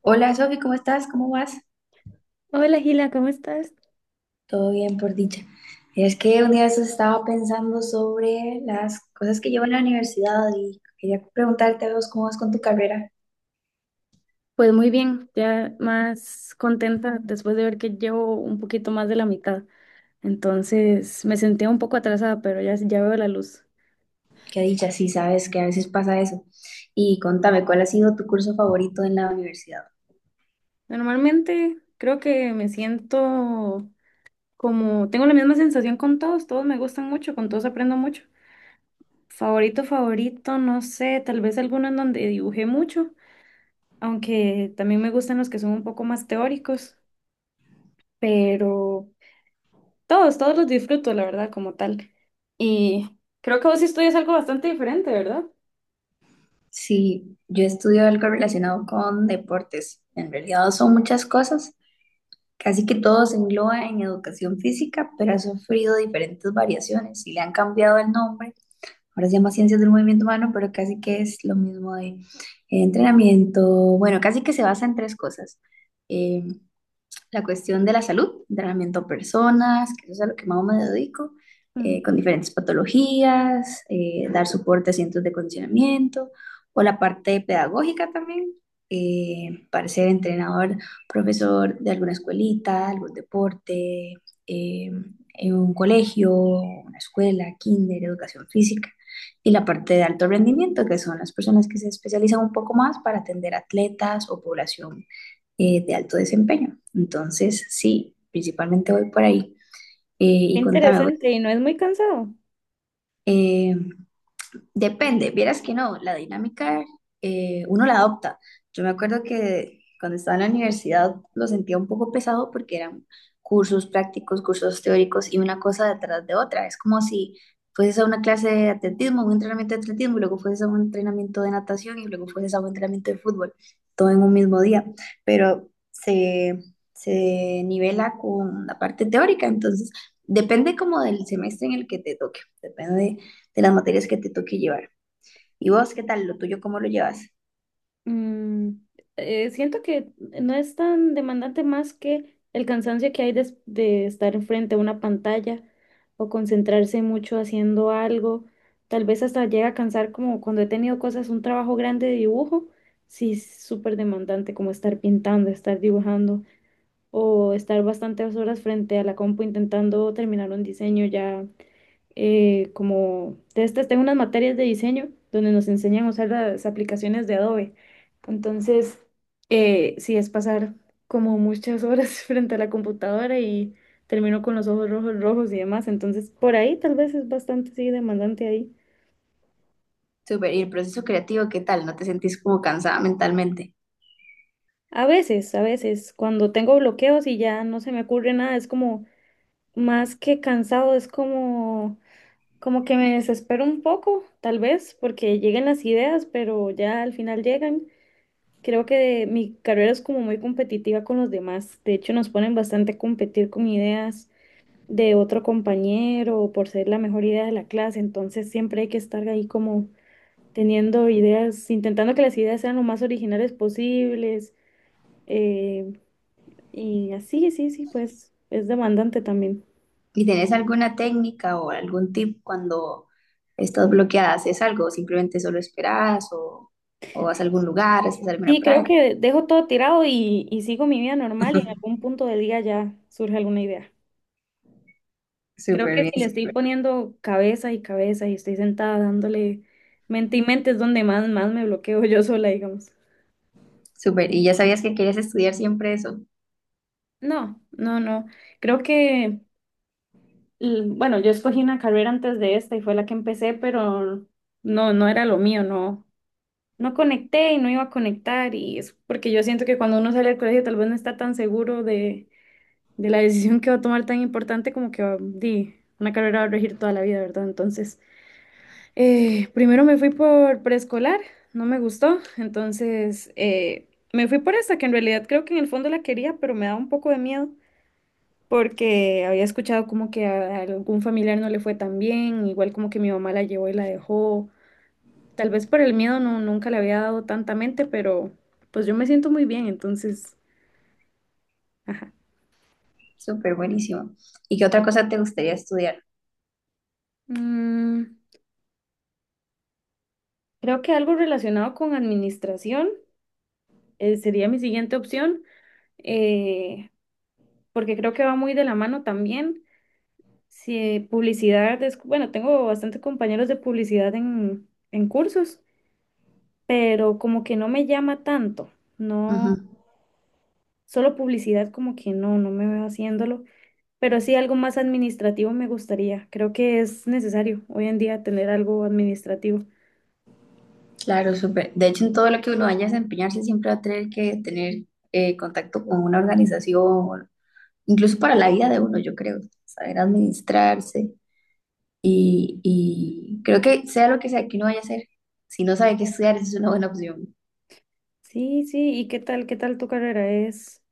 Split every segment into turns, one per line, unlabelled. Hola Sofi, ¿cómo estás? ¿Cómo vas?
Hola Gila, ¿cómo estás?
Todo bien, por dicha. Es que un día de estos estaba pensando sobre las cosas que llevo en la universidad y quería preguntarte a vos cómo vas con tu carrera.
Pues muy bien, ya más contenta después de ver que llevo un poquito más de la mitad. Entonces me sentía un poco atrasada, pero ya, ya veo la luz.
Qué dicha, sí, sabes que a veces pasa eso. Y contame, ¿cuál ha sido tu curso favorito en la universidad?
Normalmente creo que me siento como, tengo la misma sensación con todos, todos me gustan mucho, con todos aprendo mucho. Favorito, favorito, no sé, tal vez alguno en donde dibujé mucho, aunque también me gustan los que son un poco más teóricos, pero... Todos, todos los disfruto, la verdad, como tal. Y creo que vos sí estudias algo bastante diferente, ¿verdad?
Sí, yo estudio algo relacionado con deportes. En realidad son muchas cosas. Casi que todo se engloba en educación física, pero ha sufrido diferentes variaciones y le han cambiado el nombre, ahora se llama Ciencias del Movimiento Humano, pero casi que es lo mismo de entrenamiento, bueno, casi que se basa en tres cosas. Eh, la cuestión de la salud, entrenamiento a personas, que eso es a lo que más me dedico, con
Mm,
diferentes patologías, dar soporte a centros de condicionamiento o la parte pedagógica también, para ser entrenador, profesor de alguna escuelita, algún deporte, eh, en un colegio, una escuela, kinder, educación física. Y la parte de alto rendimiento, que son las personas que se especializan un poco más para atender atletas o población de alto desempeño. Entonces, sí, principalmente voy por ahí.
qué
Y contame,
interesante. ¿Y no es muy cansado?
eh, depende, vieras que no, la dinámica uno la adopta. Yo me acuerdo que cuando estaba en la universidad lo sentía un poco pesado porque eran cursos prácticos, cursos teóricos y una cosa detrás de otra. Es como si fueses a una clase de atletismo, un entrenamiento de atletismo, y luego fueses a un entrenamiento de natación y luego fueses a un entrenamiento de fútbol, todo en un mismo día. Pero se nivela con la parte teórica, entonces depende como del semestre en el que te toque, depende de las materias que te toque llevar. ¿Y vos qué tal? ¿Lo tuyo cómo lo llevas?
Mm, Siento que no es tan demandante más que el cansancio que hay de estar enfrente a una pantalla o concentrarse mucho haciendo algo. Tal vez hasta llega a cansar como cuando he tenido cosas, un trabajo grande de dibujo. Sí, es súper demandante como estar pintando, estar dibujando, o estar bastantes horas frente a la compu intentando terminar un diseño ya. Como de estas tengo unas materias de diseño donde nos enseñan a usar las aplicaciones de Adobe. Entonces, sí, es pasar como muchas horas frente a la computadora y termino con los ojos rojos, rojos y demás. Entonces, por ahí tal vez es bastante, sí, demandante ahí.
Súper, ¿y el proceso creativo qué tal? ¿No te sentís como cansada mentalmente?
A veces, cuando tengo bloqueos y ya no se me ocurre nada, es como más que cansado, es como... Como que me desespero un poco, tal vez, porque llegan las ideas, pero ya al final llegan. Creo que mi carrera es como muy competitiva con los demás. De hecho, nos ponen bastante a competir con ideas de otro compañero o por ser la mejor idea de la clase. Entonces, siempre hay que estar ahí como teniendo ideas, intentando que las ideas sean lo más originales posibles. eh, y así, sí, sí, pues es demandante también.
¿Y tenés alguna técnica o algún tip cuando estás bloqueada? ¿Haces algo? ¿Simplemente solo esperas o, vas a algún lugar? ¿Haces alguna
Sí, creo
práctica?
que dejo todo tirado y sigo mi vida normal y en algún punto del día ya surge alguna idea. Creo
Súper
que
bien,
si le estoy
súper,
poniendo cabeza y cabeza y estoy sentada dándole mente y mente es donde más, más me bloqueo yo sola, digamos.
súper. ¿Y ya sabías que querías estudiar siempre eso?
No, no, no. Creo que, bueno, yo escogí una carrera antes de esta y fue la que empecé, pero no, no era lo mío, no. No conecté y no iba a conectar y es porque yo siento que cuando uno sale del colegio tal vez no está tan seguro de la decisión que va a tomar tan importante como que di, una carrera va a regir toda la vida, ¿verdad? Entonces, primero me fui por preescolar, no me gustó, entonces me fui por esa, que en realidad creo que en el fondo la quería, pero me daba un poco de miedo porque había escuchado como que a algún familiar no le fue tan bien, igual como que mi mamá la llevó y la dejó. Tal vez por el miedo no, nunca le había dado tanta mente, pero pues yo me siento muy bien, entonces, ajá.
Súper buenísimo. ¿Y qué otra cosa te gustaría estudiar?
Mm, creo que algo relacionado con administración. Sería mi siguiente opción, eh, porque creo que va muy de la mano también. Si publicidad, bueno, tengo bastantes compañeros de publicidad en cursos, pero como que no me llama tanto, no,
Ujú.
solo publicidad como que no, no me veo haciéndolo, pero sí algo más administrativo me gustaría. Creo que es necesario hoy en día tener algo administrativo.
Claro, súper. De hecho, en todo lo que uno vaya a desempeñarse siempre va a tener que tener contacto con una organización, incluso para la vida de uno, yo creo, saber administrarse y creo que sea lo que sea que uno vaya a hacer, si no sabe qué estudiar, esa es una buena opción.
Sí, sí, ¿y qué tal tu carrera es?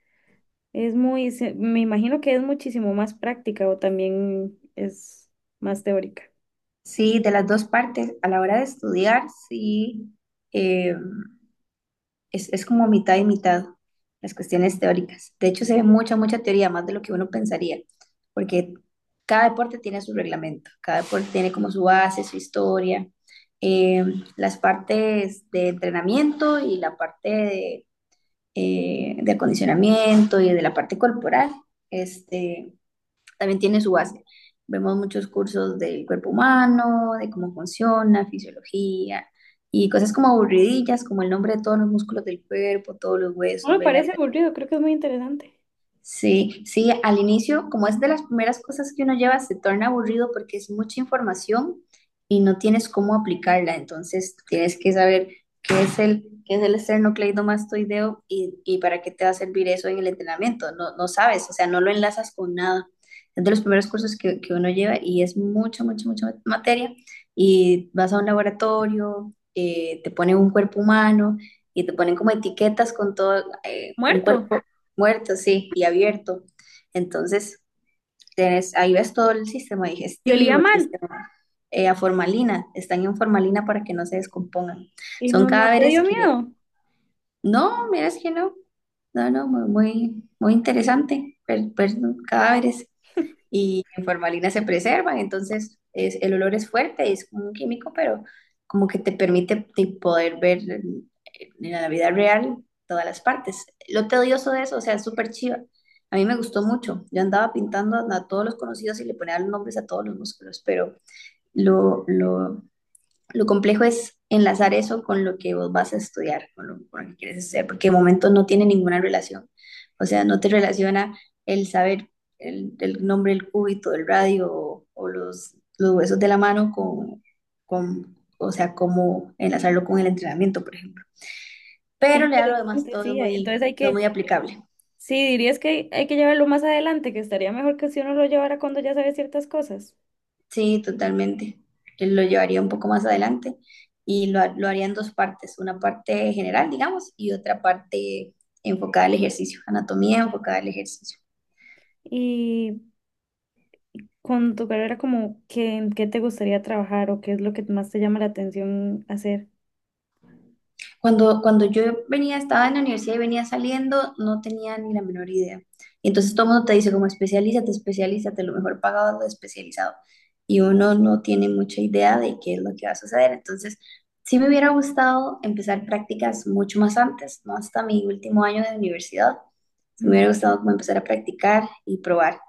Es muy, me imagino que es muchísimo más práctica o también es más teórica.
Sí, de las dos partes, a la hora de estudiar, sí, em, es como mitad y mitad las cuestiones teóricas. De hecho, se ve mucha teoría, más de lo que uno pensaría, porque cada deporte tiene su reglamento, cada deporte tiene como su base, su historia, eh, las partes de entrenamiento y la parte de acondicionamiento y de la parte corporal. Este, también tiene su base. Vemos muchos cursos del cuerpo humano, de cómo funciona, fisiología y cosas como aburridillas, como el nombre de todos los músculos del cuerpo, todos los
No
huesos,
me
venas.
parece aburrido, creo que es muy interesante.
Sí, sí, al inicio, como es de las primeras cosas que uno lleva, se torna aburrido porque es mucha información y no tienes cómo aplicarla. Entonces, tienes que saber qué es el esternocleidomastoideo y para qué te va a servir eso en el entrenamiento. No, no sabes, o sea, no lo enlazas con nada. Es de los primeros cursos que uno lleva y es mucha materia. Y vas a un laboratorio, te ponen un cuerpo humano y te ponen como etiquetas con todo, un cuerpo
Muerto.
muerto, sí, y abierto. Entonces, tenés, ahí ves todo el sistema
Y olía
digestivo, el
mal.
sistema, a formalina, están en formalina para que no se descompongan.
¿Y
Son
no, no te
cadáveres
dio
que
miedo?
no, miras que no. No, no, muy, muy, muy interesante. Cadáveres y en formalina se preservan, entonces es, el olor es fuerte, es como un químico, pero como que te permite poder ver en la vida real todas las partes. Lo tedioso de eso, o sea, es súper chiva. A mí me gustó mucho. Yo andaba pintando a todos los conocidos y le ponía los nombres a todos los músculos, pero lo, lo lo complejo es enlazar eso con lo que vos vas a estudiar, con con lo que quieres hacer, porque de momento no tiene ninguna relación. O sea, no te relaciona el saber el nombre del cúbito, del radio o, los huesos de la mano con, o sea, cómo enlazarlo con el entrenamiento, por ejemplo.
Qué
Pero ya lo demás
interesante, sí. Entonces hay
todo es
que,
muy aplicable.
sí, dirías que hay que llevarlo más adelante, que estaría mejor que si uno lo llevara cuando ya sabe ciertas cosas.
Sí, totalmente. Yo lo llevaría un poco más adelante y lo haría en dos partes, una parte general, digamos, y otra parte enfocada al ejercicio, anatomía enfocada al ejercicio.
Y con tu carrera, como, ¿qué, en qué te gustaría trabajar o qué es lo que más te llama la atención hacer?
Cuando yo venía, estaba en la universidad y venía saliendo, no tenía ni la menor idea. Y entonces todo el mundo te dice como especialízate, especialízate, lo mejor pagado es lo especializado. Y uno no tiene mucha idea de qué es lo que va a suceder. Entonces, sí me hubiera gustado empezar prácticas mucho más antes, no hasta mi último año de universidad. Se me
Mm.
hubiera gustado como empezar a practicar y probar.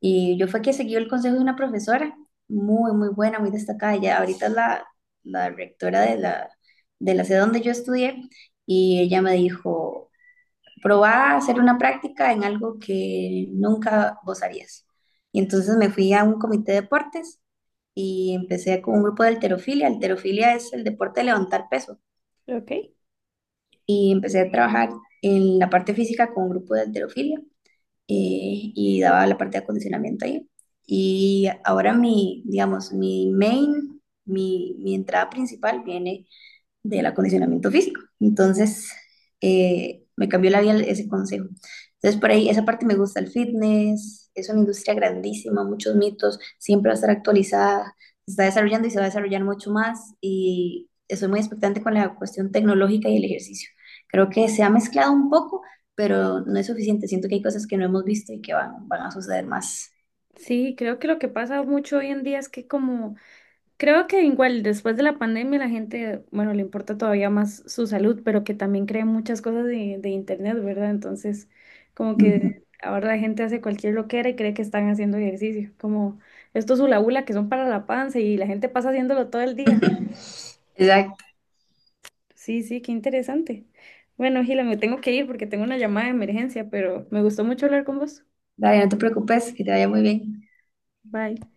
Y yo fue que seguí el consejo de una profesora muy, muy buena, muy destacada. Ella ahorita es la rectora de de la sede donde yo estudié y ella me dijo, probá a hacer una práctica en algo que nunca vos harías. Y entonces me fui a un comité de deportes y empecé con un grupo de halterofilia. Halterofilia es el deporte de levantar peso.
Ok.
Y empecé a trabajar en la parte física con un grupo de halterofilia, y daba la parte de acondicionamiento ahí. Y ahora mi, digamos, mi main, mi entrada principal viene del acondicionamiento físico. Entonces, me cambió la vida ese consejo. Entonces, por ahí, esa parte me gusta el fitness, es una industria grandísima, muchos mitos, siempre va a estar actualizada, se está desarrollando y se va a desarrollar mucho más y estoy muy expectante con la cuestión tecnológica y el ejercicio. Creo que se ha mezclado un poco, pero no es suficiente. Siento que hay cosas que no hemos visto y que van a suceder más.
Sí, creo que lo que pasa mucho hoy en día es que como... Creo que igual después de la pandemia la gente, bueno, le importa todavía más su salud, pero que también cree muchas cosas de internet, ¿verdad? Entonces, como que
Ujú.
ahora la gente hace cualquier loquera y cree que están haciendo ejercicio, como estos hula hula que son para la panza y la gente pasa haciéndolo todo el día.
Exacto.
Sí, sí, qué interesante. Bueno, Gila, me tengo que ir porque tengo una llamada de emergencia, pero me gustó mucho hablar con vos.
Dale, no te preocupes, que te vaya muy bien.
Bye.